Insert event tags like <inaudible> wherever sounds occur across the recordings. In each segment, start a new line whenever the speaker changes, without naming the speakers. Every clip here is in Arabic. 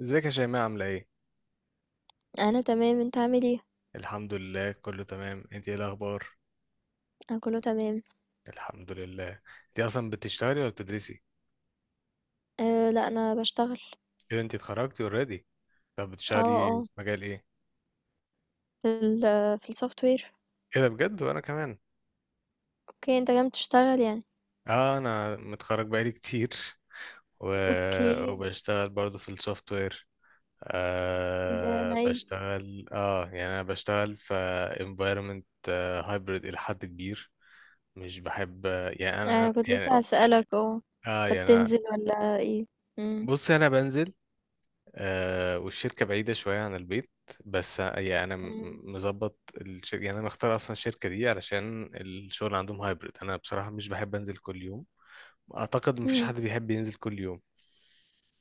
ازيك يا شيماء عاملة ايه؟
أنا تمام، أنت عامل إيه؟
الحمد لله، كله تمام. انت ايه الأخبار؟
أنا كله تمام.
الحمد لله. انت أصلا بتشتغلي ولا بتدرسي؟
آه لأ أنا باشتغل.
ايه ده، انت اتخرجتي اوريدي. طب
آه،
بتشتغلي
آه،
في مجال ايه؟
في ال في الsoftware.
ايه ده بجد؟ وانا كمان.
أوكي أنت كمان بتشتغل يعني.
اه انا متخرج بقالي كتير و...
أوكي،
وبشتغل برضو في السوفت وير.
إيه ده nice.
بشتغل يعني انا بشتغل في environment hybrid إلى حد كبير. مش بحب، يعني انا
أنا كنت لسه
يعني
هاسألك،
اه
أنت
يعني أنا-
بتنزل والّا إيه؟ إمم.
بص، انا بنزل. آه، والشركة بعيدة شوية عن البيت، بس يعني أنا م-
إمم.
مظبط الشركة. يعني أنا مختار أصلا الشركة دي علشان الشغل عندهم هايبرد. أنا بصراحة مش بحب أنزل كل يوم، أعتقد مفيش
إمم.
حد بيحب ينزل كل يوم.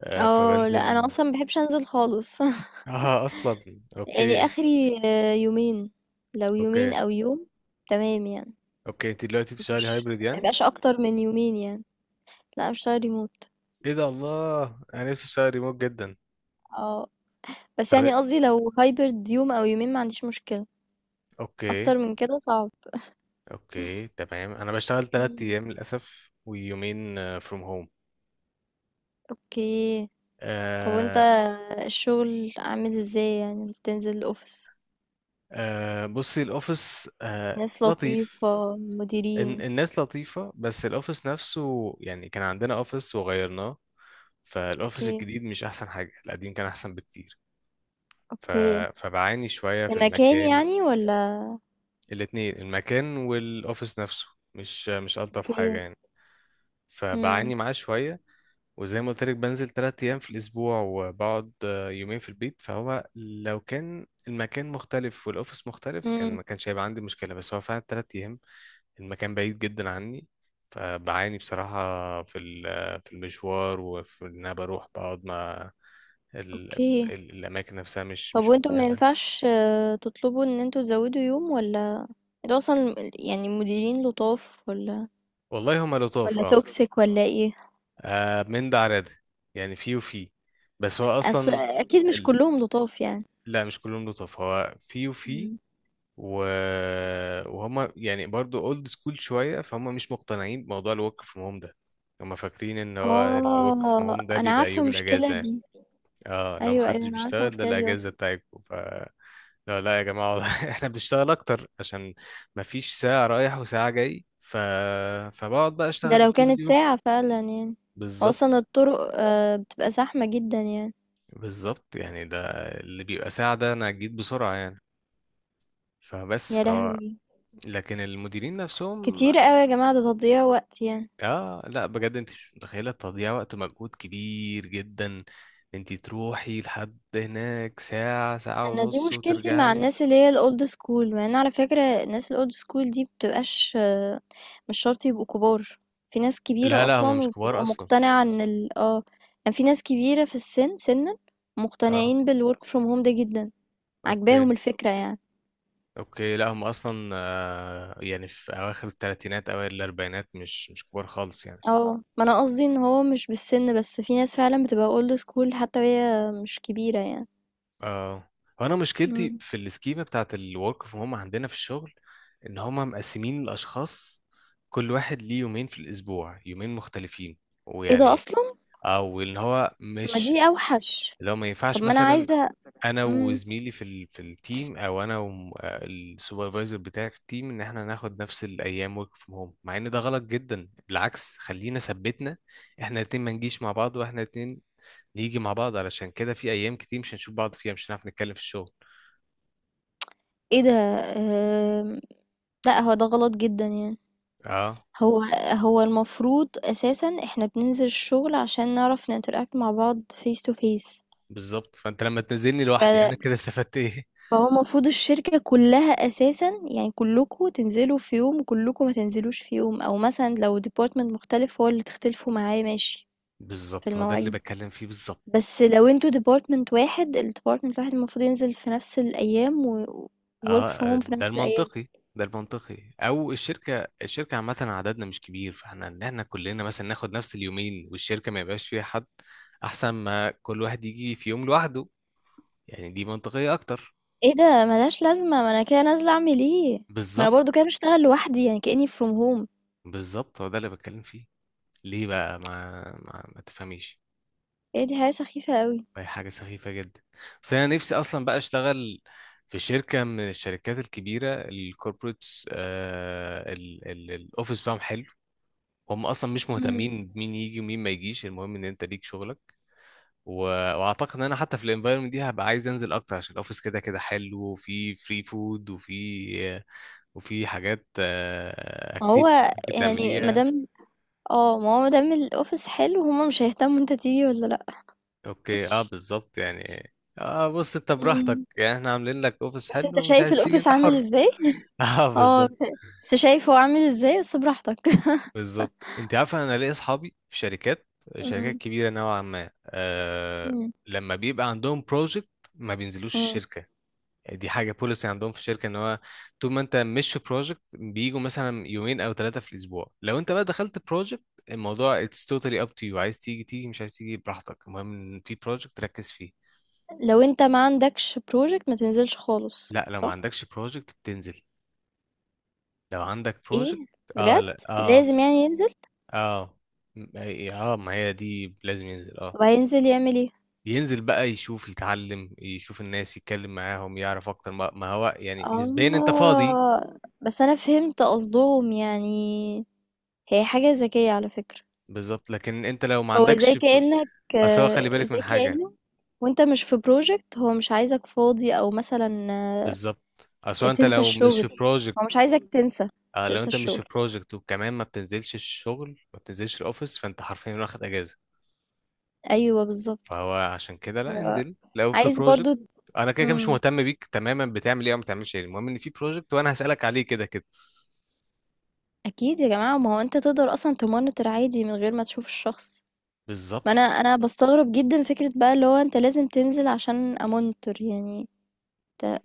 آه، لأ أنا
فبنزل.
أصلًا ما باحبش أنزل خالص. <laughs>
أصلا
يعني
أوكي.
آخري يومين، لو
أوكي.
يومين أو يوم تمام يعني.
أوكي، أنت دلوقتي
بس
بتشتغلي
مش
هايبرد
ما
يعني؟
يبقاش أكتر من يومين يعني. لأ أنا باشتغل remote.
إيه ده، الله، أنا نفسي أشتغل ريموت جدا.
آه، بس
طب إيه؟
يعني قصدي لو hybrid يوم أو يومين ما عنديش مشكلة.
أوكي.
أكتر من كده صعب.
أوكي
<laughs>
تمام، أنا بشتغل تلات
مم.
أيام للأسف ويومين فروم هوم.
اوكي. طب وانت الشغل عامل ازاي؟ يعني بتنزل الأوفيس؟
بصي، الاوفيس
ناس
لطيف.
لطيفة، مديرين؟
الناس لطيفة بس الاوفيس نفسه، يعني كان عندنا اوفيس وغيرناه، فالاوفيس
اوكي.
الجديد مش احسن حاجة، القديم كان احسن بكتير. ف...
اوكي.
فبعاني شوية في
كمكان
المكان.
يعني ولا؟
الاتنين، المكان والاوفيس نفسه، مش الطف
اوكي.
حاجة يعني.
امم.
فبعاني معاه شوية. وزي ما قلت لك بنزل تلات أيام في الأسبوع، وبقعد آه، يومين في البيت. فهو لو كان المكان مختلف والأوفيس مختلف، كان
امم.
ما كانش هيبقى عندي مشكلة، بس هو فعلا تلات أيام. المكان بعيد جدا عني، فبعاني بصراحة في في المشوار، وفي إن أنا بروح بقعد مع ال-
اوكي.
الأماكن نفسها، مش
طب
مش
وانتوا ما
مجهزة.
ينفعش، تطلبوا ان انتوا تزودوا يوم ولا؟ انتوا اصلا يعني المديرين لطاف ولا،
والله هما لطاف،
ولا
اه.
توكسيك ولا ايه؟
آه، من ده على ده، يعني في وفي، بس هو
أصل
أصلا
اكيد مش
ال...
كلهم لطاف يعني.
لا، مش كلهم لطاف، هو في وفي.
إمم.
و... وهما يعني برضو اولد سكول شوية، فهم مش مقتنعين بموضوع الورك فروم هوم ده. هما فاكرين ان هو الورك فروم
آه،
هوم ده
أنا
بيبقى
عارفة
يوم
المشكلة
الأجازة يعني.
دي.
اه، لو
أيوه،
محدش
أيوه، أنا عارفة
بيشتغل ده
المشكلة دي
الاجازه
أصلًا.
بتاعتكم لا لا يا جماعه والله، <laughs> احنا بنشتغل اكتر عشان مفيش ساعه رايح وساعه جاي. فبقعد بقى
ده
اشتغل
لو
طول
كانت
اليوم.
ساعة فعلًا يعني.
بالظبط.
وأصلًا الطرق بتبقى زحمة جدًا يعني.
بالظبط يعني، ده اللي بيبقى ساعه ده انا جيت بسرعه يعني. فبس
يا
فهو،
لهوي!
لكن المديرين نفسهم.
كتير أوي يا جماعة، ده تضييع وقت يعني.
اه لا بجد، انت مش متخيله، تضييع وقت ومجهود كبير جدا. انت تروحي لحد هناك ساعه، ساعه
أنا دي
ونص،
مشكلتي مع
وترجعي.
الناس اللي هي الold school، مع إن على فكرة الناس الold school دي بتبقاش، مش شرط يبقوا كبار. في ناس
لا
كبيرة
لا، هم
أصلًا
مش كبار
وبتبقى
اصلا.
مقتنعة إن ال آه، يعني في ناس كبيرة في السِن سِنًا
اه.
مقتنعين بالwork from home ده جدًا، عاجباهم
اوكي.
الفكرة يعني.
اوكي، لا هم اصلا آه، يعني في اواخر الثلاثينات اوائل الاربعينات، مش كبار خالص يعني.
آه، ما أنا قصدي إن هو مش بالسن، بس في ناس فعلًا بتبقى old school حتى وهي مش كبيرة يعني.
اه. وانا مشكلتي
إمم.
في السكيمه بتاعت الورك فروم هم عندنا في الشغل، ان هم مقسمين الاشخاص، كل واحد ليه يومين في الاسبوع، يومين مختلفين،
إيه ده
ويعني،
أصلًا!
او ان هو
طب ما
مش،
دي أوحش.
لو ما
طب
ينفعش
ما أنا
مثلا
عايزة
انا
إمم.
وزميلي في في التيم، او انا والسوبرفايزر بتاعي في التيم، ان احنا ناخد نفس الايام ورك فروم هوم. مع ان ده غلط جدا بالعكس، خلينا ثبتنا احنا الاتنين ما نجيش مع بعض، واحنا الاتنين نيجي مع بعض، علشان كده في ايام كتير مش هنشوف بعض فيها، مش هنعرف نتكلم في الشغل.
إيه ده. آمم. لأ هو ده غلط جدًا يعني.
اه
هو هو المفروض أساسًا إحنا بننزل الشغل عشان نعرف نinteract مع بعض face to face.
بالظبط، فانت لما تنزلني
ف
لوحدي انا كده استفدت ايه؟
فهو المفروض الشركة كلها أساسًا يعني كلكم تنزلوا في يوم وكلكم ما تنزلوش في يوم، أو مثلًا لو department مختلف هو اللي تختلفوا معاه ماشي. في
بالظبط هو ده اللي
المواعيد.
بتكلم فيه بالظبط.
بس لو انتوا ديبارتمنت واحد، الديبارتمنت الواحد المفروض ينزل في نفس الايام و work
اه
from
آه،
home في
ده
نفس الايام.
المنطقي. ده المنطقي، او الشركه، الشركه عامه عددنا مش كبير، فاحنا ان احنا كلنا مثلا ناخد نفس اليومين والشركه ما يبقاش فيها حد، احسن ما كل واحد يجي في يوم لوحده. يعني دي منطقيه اكتر.
ايه ده ملهاش لازمه، ما انا كده نازله اعمل ايه؟ ما انا
بالظبط.
برضو كده بشتغل لوحدي يعني كاني from home.
بالظبط هو ده اللي بتكلم فيه. ليه بقى ما تفهميش؟
ايه دي حاجه سخيفه قوي.
هي حاجه سخيفه جدا. بس انا نفسي اصلا بقى اشتغل في شركه من الشركات الكبيره، الكوربوريتس، الاوفيس بتاعهم حلو. هم اصلا مش
امم.
مهتمين بمين يجي ومين ما يجيش، المهم ان انت ليك شغلك. و... واعتقد ان انا حتى في الانفايرمنت دي هبقى عايز انزل اكتر، عشان الاوفيس كده كده حلو، وفي فري فود، وفي وفي حاجات
ما
اكتيفيتي
هو
ممكن
يعني
تعمليها.
مادام اه ما هو مادام الاوفيس حلو هما مش هيهتموا انت تيجي ولا لا.
اوكي اه بالظبط يعني. اه بص، انت براحتك
امم.
يعني، احنا عاملين لك اوفيس
بس انت
حلو ومش
شايف
عايز تيجي،
الاوفيس
انت
عامل
حر.
ازاي.
<laughs>
<laughs>
اه
اه
بالظبط.
بس بس شايف هو عامل ازاي، بس براحتك.
بالظبط، انت عارفه، انا ليا اصحابي في شركات،
<laughs>
شركات
امم.
كبيره نوعا ما آه، لما بيبقى عندهم بروجكت ما بينزلوش
امم.
الشركه. دي حاجة بوليسي عندهم في الشركة، ان هو طول ما انت مش في بروجكت بيجوا مثلا يومين او ثلاثة في الاسبوع، لو انت بقى دخلت بروجكت الموضوع it's totally up to you، عايز تيجي تيجي، مش عايز تيجي براحتك، المهم ان في بروجكت تركز فيه.
لو أنت ما عندكش project ما تنزلش خالص،
لا لو ما
صح؟
عندكش بروجكت بتنزل، لو عندك بروجكت.
إيه؟
اه
بجد؟
لا اه.
لازم يعني ينزل؟
اه م- ما هي دي لازم ينزل اه.
طب هينزل يعمل إيه؟
ينزل بقى يشوف، يتعلم، يشوف الناس، يتكلم معاهم، يعرف اكتر، ما هو يعني نسبيا انت فاضي.
آه بس أنا فهمت قصدهم يعني. هي حاجة ذكية على فكرة.
بالظبط. لكن انت لو ما
هو زي
عندكش
كأنك
اصل هو خلي
آه،
بالك
زي
من حاجة.
كأنه. وانت مش في بروجكت هو مش عايزك فاضي او مثلا،
بالظبط اصل انت
تنسى
لو مش
الشغل.
في بروجكت،
هو مش عايزك تنسى.
آه لو
تنسى
انت مش في
الشغل.
بروجكت وكمان ما بتنزلش الشغل، ما بتنزلش الاوفيس، فانت حرفيا واخد اجازه.
ايوه بالظبط.
فهو عشان كده لا،
هو
انزل لو في
عايز
بروجكت،
برضو.
انا كده كده مش
مم.
مهتم بيك تماما بتعمل ايه او ما بتعملش ايه، المهم ان في بروجكت وانا هسالك عليه كده كده.
أكيد يا جماعة، ما هو أنت تقدر أصلًا تmonitor عادي من غير ما تشوف الشخص. ما أنا
بالظبط.
أنا باستغرب جدًا فكرة بقى، اللي هو أنت لازم تنزل عشان أmonitor يعني. أنت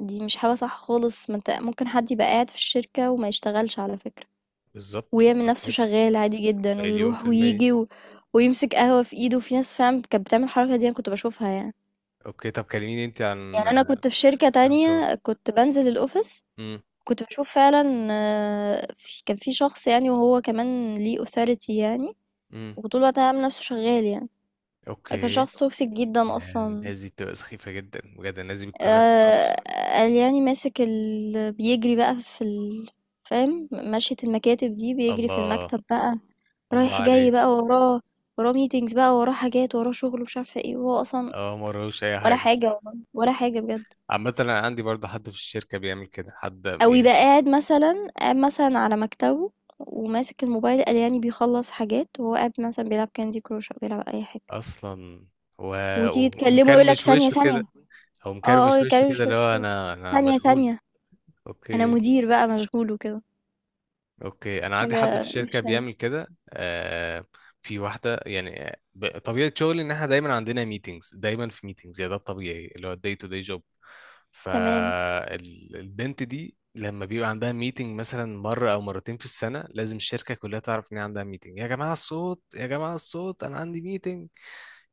دي مش حاجة صح خالص، ما أنت ممكن حد يبقى قاعد في الشركة وما يشتغلش على فكرة،
بالظبط
ويعمل
بالظبط
نفسه
جدا.
شغال عادي جدًا،
مليون في
ويروح
الميه.
وييجي ويمسك قهوة في إيده. في ناس فعلًا كانت بتعمل الحركة دي، أنا كنت باشوفها يعني.
اوكي طب كلميني انت
يعني
عن
أنا كنت في شركة
عن شغلك.
تانية كنت بانزل الoffice.
امم.
كنت باشوف فعلًا، كان في شخص يعني، وهو كمان ليه authority يعني،
امم.
وطول الوقت عامل نفسه شغال يعني. كان
اوكي.
شخص توكسيك جدا
يعني
اصلا.
الناس دي بتبقى سخيفه جدا بجد، الناس دي بتكرهك في
آه.
الاوفيس.
قال يعني ماسك بيجري بقى في فاهم مشية المكاتب دي، بيجري في
الله.
المكتب بقى،
الله
رايح جاي
عليك.
بقى وراه. وراه ميتينجز بقى، وراه حاجات، وراه شغل ومش عارفه ايه، وهو اصلا
اه ما وراهوش اي
ولا
حاجه.
حاجه والله، ولا حاجه بجد.
عامة أنا عندي برضه حد في الشركة بيعمل كده، حد
او يبقى
يعني،
قاعد مثلا، على مكتبه وماسك الموبايل، قال يعني بيخلص حاجات، وهو قاعد مثلا بيلعب كاندي كروش او بيلعب اي حاجه.
أصلا. و...
وتيجي تكلمه يقولك
ومكرمش
ثانيه
وشه كده،
ثانيه.
أو
اه اه،
مكرمش وشه كده
يكرش
اللي هو
وشه.
أنا
ثانية
مشغول.
ثانية، انا
أوكي.
مدير بقى مشغول وكده.
أوكي أنا عندي حد في
حاجة
الشركة
وحشة اوي.
بيعمل كده. آه، في واحدة يعني طبيعة شغلي إن إحنا دايما عندنا ميتينجز، دايما في ميتينجز، يعني ده الطبيعي، اللي هو الداي تو داي جوب.
تمام.
فالبنت دي لما بيبقى عندها ميتنج مثلا مرة أو مرتين في السنة لازم الشركة كلها تعرف إن هي عندها ميتنج. يا جماعة الصوت، يا جماعة الصوت، أنا عندي ميتنج.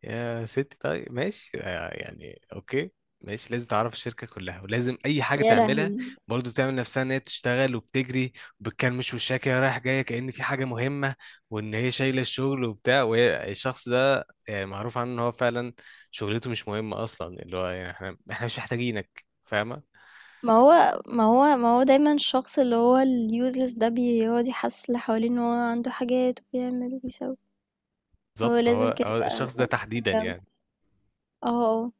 يا ستي طيب ماشي آه، يعني اوكي. ماشي، لازم تعرف الشركة كلها، ولازم أي حاجة
يا
تعملها
لهوي.
برضو تعمل نفسها إن هي بتشتغل وبتجري وبتكلمش وشها كده رايح جاية كأن في حاجة مهمة، وإن هي شايلة الشغل وبتاع، وهي الشخص ده آه، معروف عنه إن هو فعلا شغلته مش مهمة أصلا، اللي هو يعني إحنا مش محتاجينك فاهمة.
ما هو دايما الشخص اللي هو اليوزلس ده بيقعد يحسس اللي حواليه ان هو عنده حاجات، وبيعمل وبيسوي. هو
بالظبط،
لازم
هو
كده يبقى
الشخص ده تحديدا
سوداوي.
يعني.
اه. اه.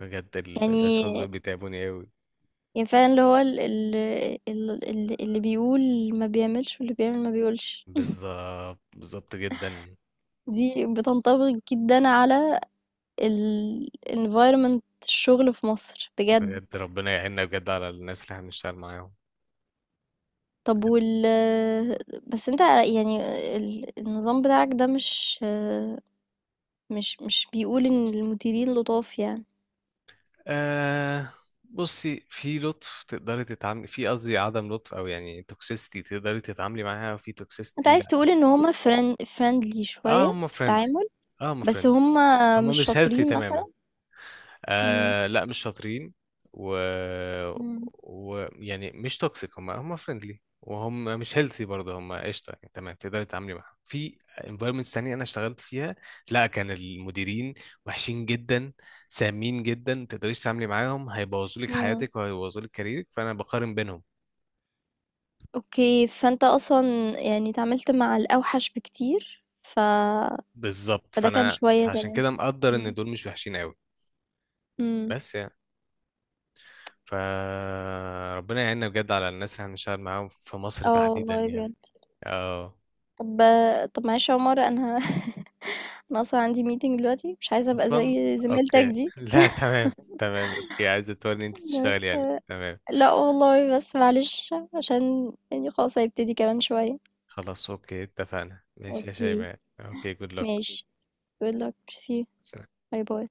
بجد الأشخاص دول
يعني
بيتعبوني أوي.
يعني فعلا اللي هو اللي بيقول ما بيعملش، واللي بيعمل ما بيقولش.
بالظبط. بالظبط جدا.
دي بتنطبق جدا على ال environment الشغل في مصر بجد.
بجد ربنا يعيننا بجد على الناس اللي احنا بنشتغل معاهم.
طب وال بس أنت يعني النظام بتاعك ده مش بيقول إن المديرين لطاف يعني.
آه بصي، في لطف تقدري تتعاملي، في قصدي عدم لطف او يعني توكسيستي تقدري تتعاملي معاها، وفي
أنت
توكسيستي
عايز
لا.
تقول إن هُم friendly
اه
شوية
هم
في
فريندلي.
التعامل،
اه هم
بس
فريندلي،
هُم
هم
مش
مش هيلثي
شاطرين مثلًا؟
تماما.
إمم.
آه لا مش شاطرين. و...
إمم.
و يعني مش توكسيك، هم فريندلي وهم مش هيلثي برضه، هم قشطه يعني تمام، تقدري تتعاملي معاهم. في انفايرمنتس تانية انا اشتغلت فيها، لا كان المديرين وحشين جدا، سامين جدا، ما تقدريش تتعاملي معاهم، هيبوظوا لك
إمم.
حياتك وهيبوظوا لك كاريرك، فانا بقارن بينهم.
أوكي، فأنت أصلًا يعني اتعاملت مع الأوحش بكتير،
بالظبط،
فده كان
فانا
شوية
فعشان
تمام.
كده مقدر ان
إمم.
دول مش وحشين قوي.
إمم.
بس يعني فربنا يعيننا بجد على الناس اللي هنشتغل معاهم في مصر
آه
تحديدا
والله
يعني.
بجد.
اه.
طب طب معلش يا عمر، أنا <laughs> أنا أصلا عندي meeting دلوقتي مش عايزة أبقى
اصلا.
زي زميلتك
اوكي
دي.
<laughs> لا تمام تمام اوكي، عايزه تورني انت تشتغل
بس
يعني، تمام.
لا والله بس معلش، عشان يعني خلاص هيبتدي كمان شوية.
خلاص اوكي اتفقنا، ماشي يا
اوكي.
شيماء اوكي، جود لك.
ماشي. good luck, see you. باي باي.